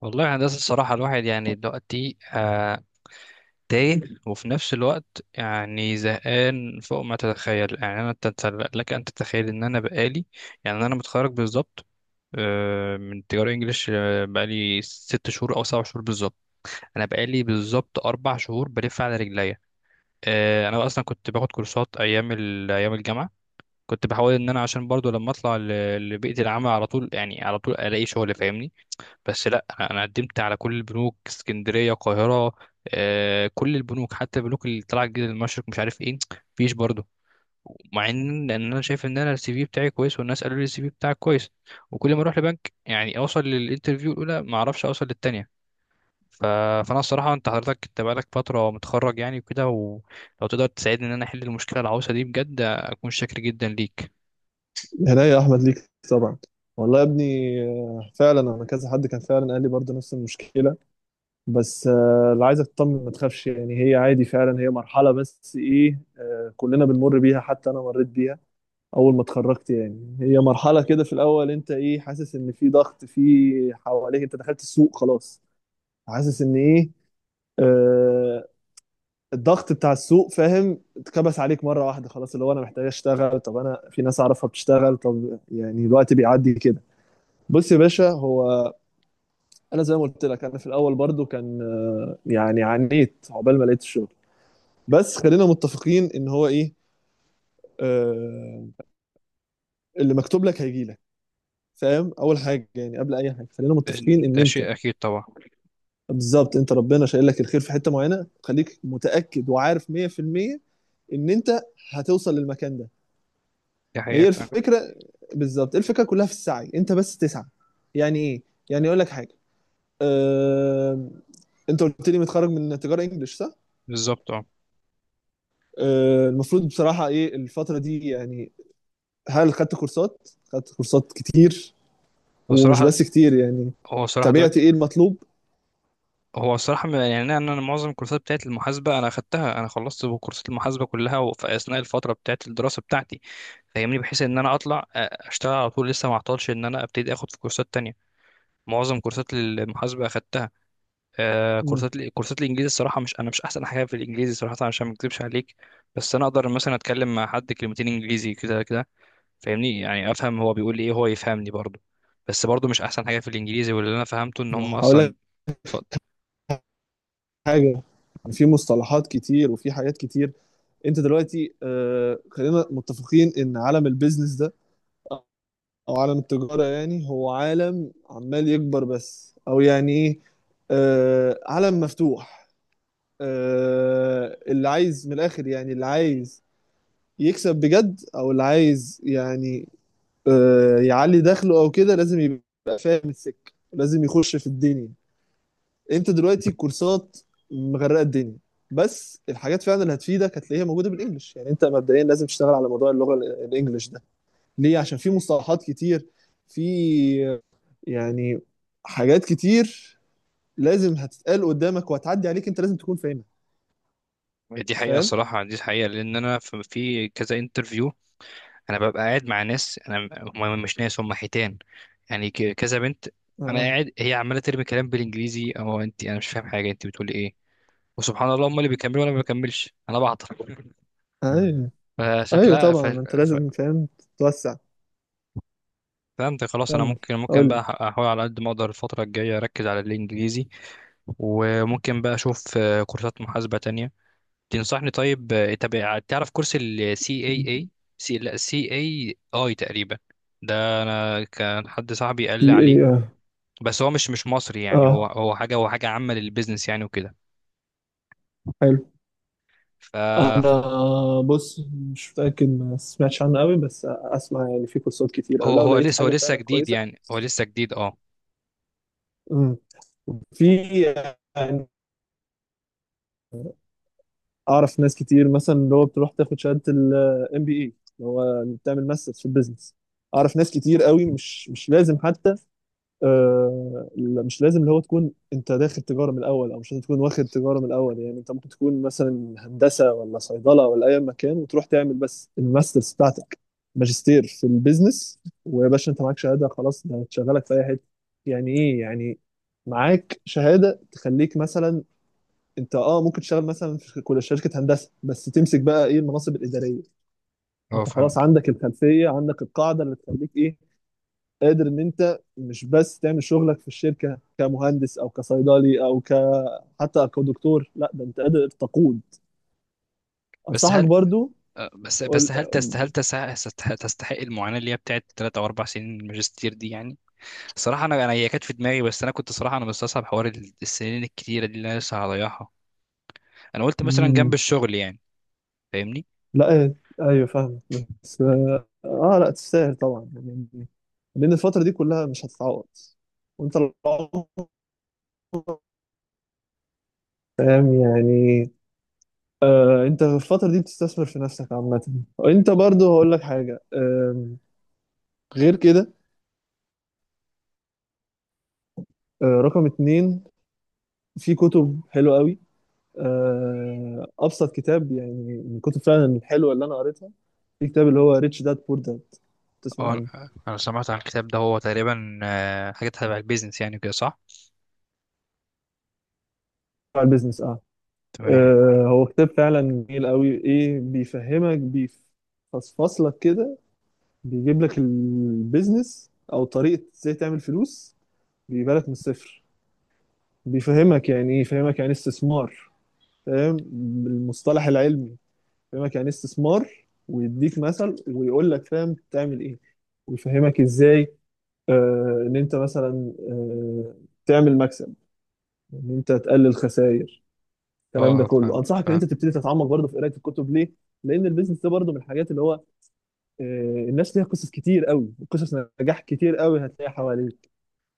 والله يا هندسة، الصراحة الواحد يعني دلوقتي تايه، وفي نفس الوقت يعني زهقان فوق ما تتخيل. يعني أنا لك أن تتخيل إن أنا بقالي، يعني أنا متخرج بالظبط من تجارة إنجليش، بقالي ست شهور أو سبع شهور بالظبط. أنا بقالي بالظبط أربع شهور بلف على رجليا. أنا أصلا كنت باخد كورسات أيام الجامعة. كنت بحاول إن أنا عشان برضو لما لبيئة العمل على طول، يعني على طول ألاقي شغل، فاهمني؟ بس لا، أنا قدمت على كل البنوك، اسكندريه، القاهره، كل البنوك، حتى البنوك اللي طلعت جديد، المشرق، مش عارف ايه، مفيش برضه. مع لأن انا شايف ان انا السي في بتاعي كويس، والناس قالوا لي السي في بتاعك كويس، وكل ما اروح لبنك يعني اوصل للانترفيو الاولى ما اعرفش اوصل للتانيه. ف... فانا الصراحه، انت حضرتك بقالك فتره متخرج يعني وكده، ولو تقدر تساعدني ان انا احل المشكله العويصه دي بجد اكون شاكر جدا ليك. هنا يا احمد، ليك طبعا. والله يا ابني، فعلا انا كذا حد كان فعلا قال لي برضه نفس المشكله. بس اللي عايزك تطمن، ما تخافش يعني، هي عادي فعلا، هي مرحله بس ايه، كلنا بنمر بيها حتى انا مريت بيها اول ما اتخرجت، يعني هي مرحله كده في الاول. انت ايه، حاسس ان في ضغط في حواليك، انت دخلت السوق خلاص، حاسس ان ايه، آه، الضغط بتاع السوق، فاهم؟ اتكبس عليك مره واحده، خلاص اللي هو انا محتاج اشتغل، طب انا في ناس اعرفها بتشتغل، طب يعني الوقت بيعدي كده. بص يا باشا، هو انا زي ما قلت لك، انا في الاول برضو كان يعني عانيت عقبال ما لقيت الشغل. بس خلينا متفقين ان هو ايه، آه، اللي مكتوب لك هيجي لك، فاهم؟ اول حاجه يعني قبل اي حاجه، خلينا ده, متفقين ان ده انت شيء اكيد طبعا. بالظبط، انت ربنا شايل لك الخير في حته معينه، خليك متاكد وعارف 100% ان انت هتوصل للمكان ده. دي حقيقه هي فعلا. الفكره بالظبط، الفكره كلها في السعي، انت بس تسعى. يعني ايه؟ يعني اقول لك حاجه. آه، انت قلت لي متخرج من تجاره انجلش، صح؟ بالظبط اه. المفروض بصراحة ايه الفترة دي يعني؟ هل خدت كورسات؟ خدت كورسات كتير، ومش بصراحه، بس كتير يعني، هو الصراحة تابعت دلوقتي، ايه المطلوب؟ هو الصراحة يعني أنا معظم الكورسات بتاعت المحاسبة أنا أخدتها. أنا خلصت كورسات المحاسبة كلها في أثناء الفترة بتاعت الدراسة بتاعتي، فاهمني؟ بحيث إن أنا أشتغل على طول، لسه ما أعطلش إن أنا أبتدي أخد في كورسات تانية. معظم كورسات المحاسبة أخدتها. مم، كورسات الإنجليزي، الصراحة مش أنا مش أحسن حاجة في الإنجليزي صراحة، عشان ما أكذبش عليك. بس أنا أقدر مثلا أتكلم مع حد كلمتين إنجليزي كده كده، فاهمني؟ يعني أفهم هو بيقول لي إيه، هو يفهمني برضه. بس برضه مش أحسن حاجة في الإنجليزي. واللي أنا فهمته إن هم ما هقول أصلا، لك حاجة، في مصطلحات كتير وفي حاجات كتير. انت دلوقتي، خلينا متفقين ان عالم البيزنس ده او عالم التجارة، يعني هو عالم عمال يكبر بس، او يعني ايه، عالم مفتوح. اللي عايز من الاخر، يعني اللي عايز يكسب بجد، او اللي عايز يعني يعلي دخله او كده، لازم يبقى فاهم السكه، لازم يخش في الدنيا. انت دلوقتي الكورسات مغرقه الدنيا، بس الحاجات فعلا اللي هتفيدك هتلاقيها موجوده بالانجلش. يعني انت مبدئيا لازم تشتغل على موضوع اللغه الانجليش ده، ليه؟ عشان في مصطلحات كتير، في آه، يعني حاجات كتير لازم هتتقال قدامك وهتعدي عليك، انت لازم تكون فاهمها، دي حقيقة، فاهم؟ الصراحة دي حقيقة. لأن أنا في كذا انترفيو، أنا ببقى قاعد مع ناس. أنا، هم مش ناس، هم حيتان. يعني كذا بنت أنا آه. قاعد، هي عمالة ترمي كلام بالإنجليزي، أو أنت، أنا مش فاهم حاجة أنت بتقولي إيه. وسبحان الله، هم اللي بيكملوا وأنا ما بكملش، أنا بعطل. مم. ايوه. ايوه فشكلها. طبعا، انت ف... لازم فاهم توسع. فهمت خلاص. انا كمل، ممكن قول ممكن لي. بقى احاول على قد ما اقدر الفتره الجايه اركز على الانجليزي. وممكن بقى اشوف كورسات محاسبه تانية تنصحني. طيب طب تعرف كورس ال CAA، سي لا CAI تقريبا؟ ده انا كان حد صاحبي قال دي لي عليه. ايه؟ اه. بس هو مش مصري، يعني هو آه، هو حاجه هو حاجه عامه للبيزنس يعني وكده. حلو. ف انا بص، مش متاكد، ما سمعتش عنه قوي، بس اسمع يعني، في كورسات كتير، او هو لو هو لقيت لسه هو حاجه لسه فعلا جديد، كويسه. يعني هو لسه جديد اه. مم. في يعني، اعرف ناس كتير مثلا اللي هو بتروح تاخد شهاده MBA، اللي هو بتعمل ماسترز في البيزنس. اعرف ناس كتير قوي مش لازم حتى، مش لازم اللي هو تكون انت داخل تجاره من الاول، او مش لازم تكون واخد تجاره من الاول. يعني انت ممكن تكون مثلا هندسه، ولا صيدله، ولا اي مكان، وتروح تعمل بس الماسترز بتاعتك، ماجستير في البيزنس. ويا باشا انت معاك شهاده خلاص، ده هتشغلك في اي حته. يعني ايه يعني، معاك شهاده تخليك مثلا، انت اه ممكن تشتغل مثلا في كل شركه هندسه، بس تمسك بقى ايه، المناصب الاداريه. اه انت خلاص فهمت. عندك الخلفيه، عندك القاعده اللي تخليك ايه، قادر ان انت مش بس تعمل شغلك في الشركه كمهندس او كصيدلي او ك حتى كدكتور، لا ده انت قادر تقود. بس انصحك هل برضو. بس قول. هل تست هل تس- تستحق تستحق المعاناه اللي هي بتاعت ثلاث او اربع سنين الماجستير دي يعني. صراحه انا هي كانت في دماغي، بس انا كنت صراحه انا مستصعب حوار السنين الكتيره دي اللي انا لسه هضيعها. انا قلت مثلا جنب مم، الشغل يعني. فاهمني. لا إيه، ايوه فاهم. بس اه لا تستاهل طبعا يعني، لان الفتره دي كلها مش هتتعوض وانت العمر، فاهم يعني؟ انت في الفتره دي بتستثمر في نفسك عامه. وانت برضو هقول لك حاجه غير كده، رقم 2، في كتب حلوه قوي. ابسط كتاب يعني، من الكتب فعلا الحلوه اللي انا قريتها، في كتاب اللي هو ريتش داد بور داد، تسمع اه، عنه؟ انا سمعت عن الكتاب ده، هو تقريبا حاجه تبع البيزنس يعني كده، صح؟ بتاع البيزنس اه. تمام. هو كتاب فعلا جميل قوي، ايه، بيفهمك، بيفصفصلك كده، بيجيب لك البيزنس، او طريقه ازاي تعمل فلوس، بيجيبها لك من الصفر. بيفهمك يعني ايه، يفهمك يعني إيه استثمار، فاهم، بالمصطلح العلمي، يفهمك يعني إيه استثمار، ويديك مثل، ويقول لك فاهم تعمل ايه، ويفهمك ازاي ان انت مثلا تعمل مكسب، ان انت تقلل خسائر. الكلام ده اه كله، فهمت انصحك ان فهمت. انت تبتدي تتعمق برضه في قرايه الكتب، ليه؟ لان البيزنس ده برضه من الحاجات اللي هو الناس ليها قصص كتير قوي، قصص نجاح كتير قوي هتلاقيها حواليك.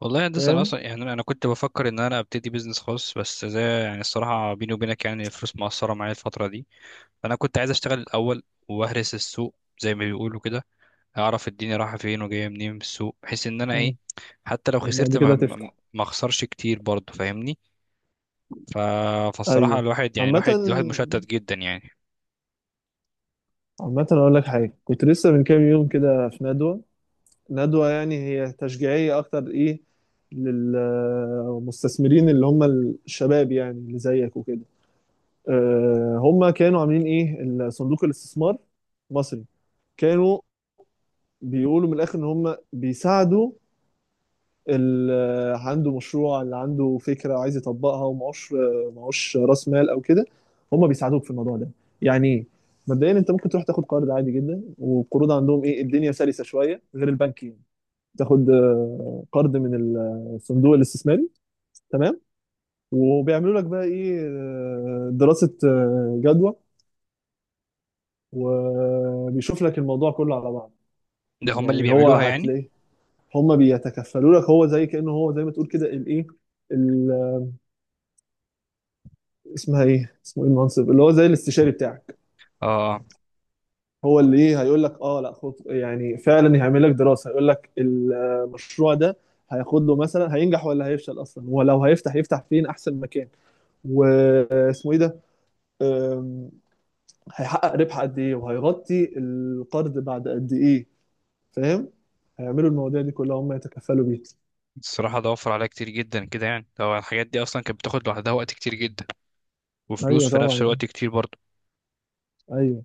والله يا هندسه، انا فاهم؟ اصلا يعني انا كنت بفكر ان انا ابتدي بيزنس خاص، بس زي يعني الصراحه بيني وبينك يعني الفلوس مقصره معايا الفتره دي. فانا كنت عايز اشتغل الاول واهرس السوق زي ما بيقولوا كده، اعرف الدنيا رايحه فين وجايه منين في السوق، بحيث ان انا مم. ايه، حتى لو خسرت وبعد ما كده ما تفتح. ما اخسرش كتير برضه، فاهمني؟ ف... فالصراحه ايوه. الواحد يعني عامه الواحد مشتت جدا يعني. عامه اقول لك حاجه، كنت لسه من كام يوم كده في ندوه، ندوه يعني هي تشجيعيه اكتر، ايه، للمستثمرين اللي هم الشباب، يعني اللي زيك وكده. هم كانوا عاملين ايه، صندوق الاستثمار مصري، كانوا بيقولوا من الاخر ان هم بيساعدوا اللي عنده مشروع، اللي عنده فكره وعايز يطبقها ومعوش، معوش راس مال او كده، هم بيساعدوك في الموضوع ده. يعني ايه؟ مبدئيا انت ممكن تروح تاخد قرض عادي جدا، والقروض عندهم ايه، الدنيا سلسه شويه غير البنك يعني، تاخد قرض من الصندوق الاستثماري، تمام. وبيعملوا لك بقى ايه، دراسه جدوى، وبيشوف لك الموضوع كله على بعض. ده هم اللي يعني هو بيعملوها يعني؟ هتلاقيه، هم بيتكفلوا لك، هو زي ما تقول كده الايه، ال- اسمه ايه، المنصب اللي هو زي الاستشاري بتاعك. اه، هو اللي ايه، هيقول لك اه لا خد، يعني فعلا هيعمل لك دراسة، هيقول لك المشروع ده هياخد له مثلا، هينجح ولا هيفشل اصلا، ولو هيفتح يفتح فين احسن مكان، واسمه ايه ده، أم، هيحقق ربح قد ايه وهيغطي القرض بعد قد ايه، فاهم؟ هيعملوا المواضيع دي كلها، هم يتكفلوا بيها. الصراحة ده وفر عليا كتير جدا كده، يعني لو الحاجات دي أصلا كانت بتاخد لوحدها وقت كتير جدا، وفلوس ايوه في طبعا نفس يعني. الوقت كتير برضه. ايوه.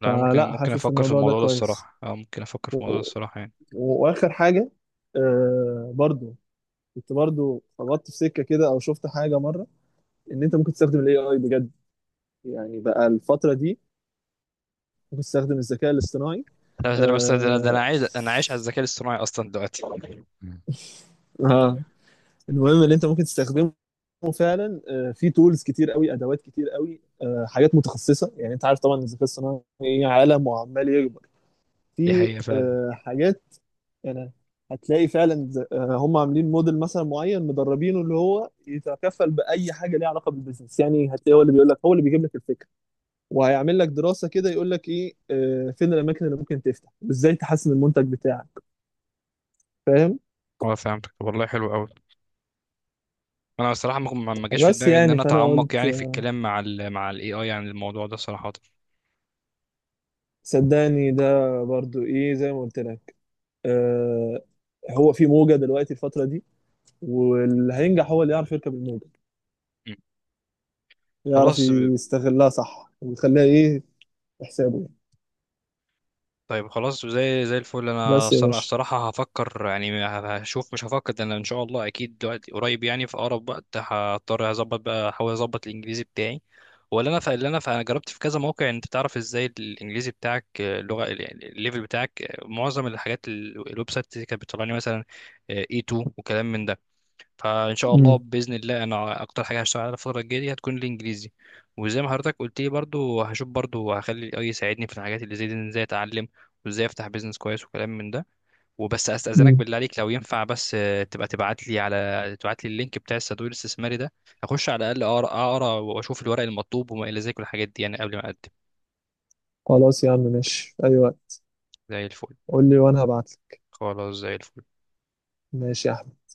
لا، أنا ممكن فلا ممكن حاسس أفكر في الموضوع ده الموضوع ده كويس. الصراحة. أه، ممكن أفكر في الموضوع ده و... الصراحة يعني. واخر حاجه برضو، كنت برضو خبطت في سكه كده او شفت حاجه مره ان انت ممكن تستخدم AI بجد، يعني بقى الفتره دي ممكن تستخدم الذكاء الاصطناعي. لا، ده أنا بس، ده آه... أنا عايز أنا عايش على الذكاء الاصطناعي أصلا دلوقتي. اه، المهم ان انت ممكن تستخدمه فعلا. في تولز كتير قوي، ادوات كتير قوي، حاجات متخصصه. يعني انت عارف طبعا الذكاء الصناعي عالم وعمال يكبر، دي في حقيقة فعلا. حاجات، يعني هتلاقي فعلا هم عاملين موديل مثلا معين مدربينه اللي هو يتكفل باي حاجه ليها علاقه بالبيزنس، يعني هتلاقي هو اللي بيقول لك، هو اللي بيجيب لك الفكره، وهيعمل لك دراسه كده، يقول لك ايه، فين الاماكن اللي ممكن تفتح، وازاي تحسن المنتج بتاعك، فاهم؟ أه فهمتك. طب والله حلو أوي. أنا الصراحة ما جاش في بس دماغي إن يعني، أنا فانا أتعمق قلت يعني في الكلام مع ال مع ال AI يعني الموضوع ده صراحة. صدقني ده برضو ايه، زي ما قلت لك، آه هو في موجه دلوقتي الفتره دي، واللي هينجح هو اللي يعرف يركب الموجه، م. يعرف خلاص. يستغلها صح ويخليها ايه، في حسابه يعني. طيب خلاص زي الفل. انا بس يا باشا. الصراحه هفكر يعني، هشوف، مش هفكر ده، انا ان شاء الله اكيد دلوقتي قريب يعني في اقرب وقت هضطر اظبط بقى احاول اظبط الانجليزي بتاعي. ولا انا انا جربت في كذا موقع، انت تعرف ازاي الانجليزي بتاعك، اللغه يعني الليفل بتاعك، معظم الحاجات الويب سايت اللي كانت بتطلعني مثلا A2 وكلام من ده. فان شاء الله امم باذن الله انا اكتر حاجه هشتغل عليها الفتره الجايه دي هتكون الانجليزي. وزي ما حضرتك قلت لي برضو هشوف، برضو هخلي الاي يساعدني في الحاجات اللي زي دي، إن ازاي اتعلم وازاي افتح بيزنس كويس وكلام من ده. وبس استاذنك بالله عليك لو ينفع، بس تبقى تبعت لي اللينك بتاع الصندوق الاستثماري ده. اخش على الاقل اقرا، واشوف الورق المطلوب وما الى ذلك والحاجات دي يعني قبل ما اقدم. خلاص يا عم، ماشي، أيوة، زي الفل. قول لي وأنا هبعتلك، خلاص زي الفل. ماشي يا أحمد.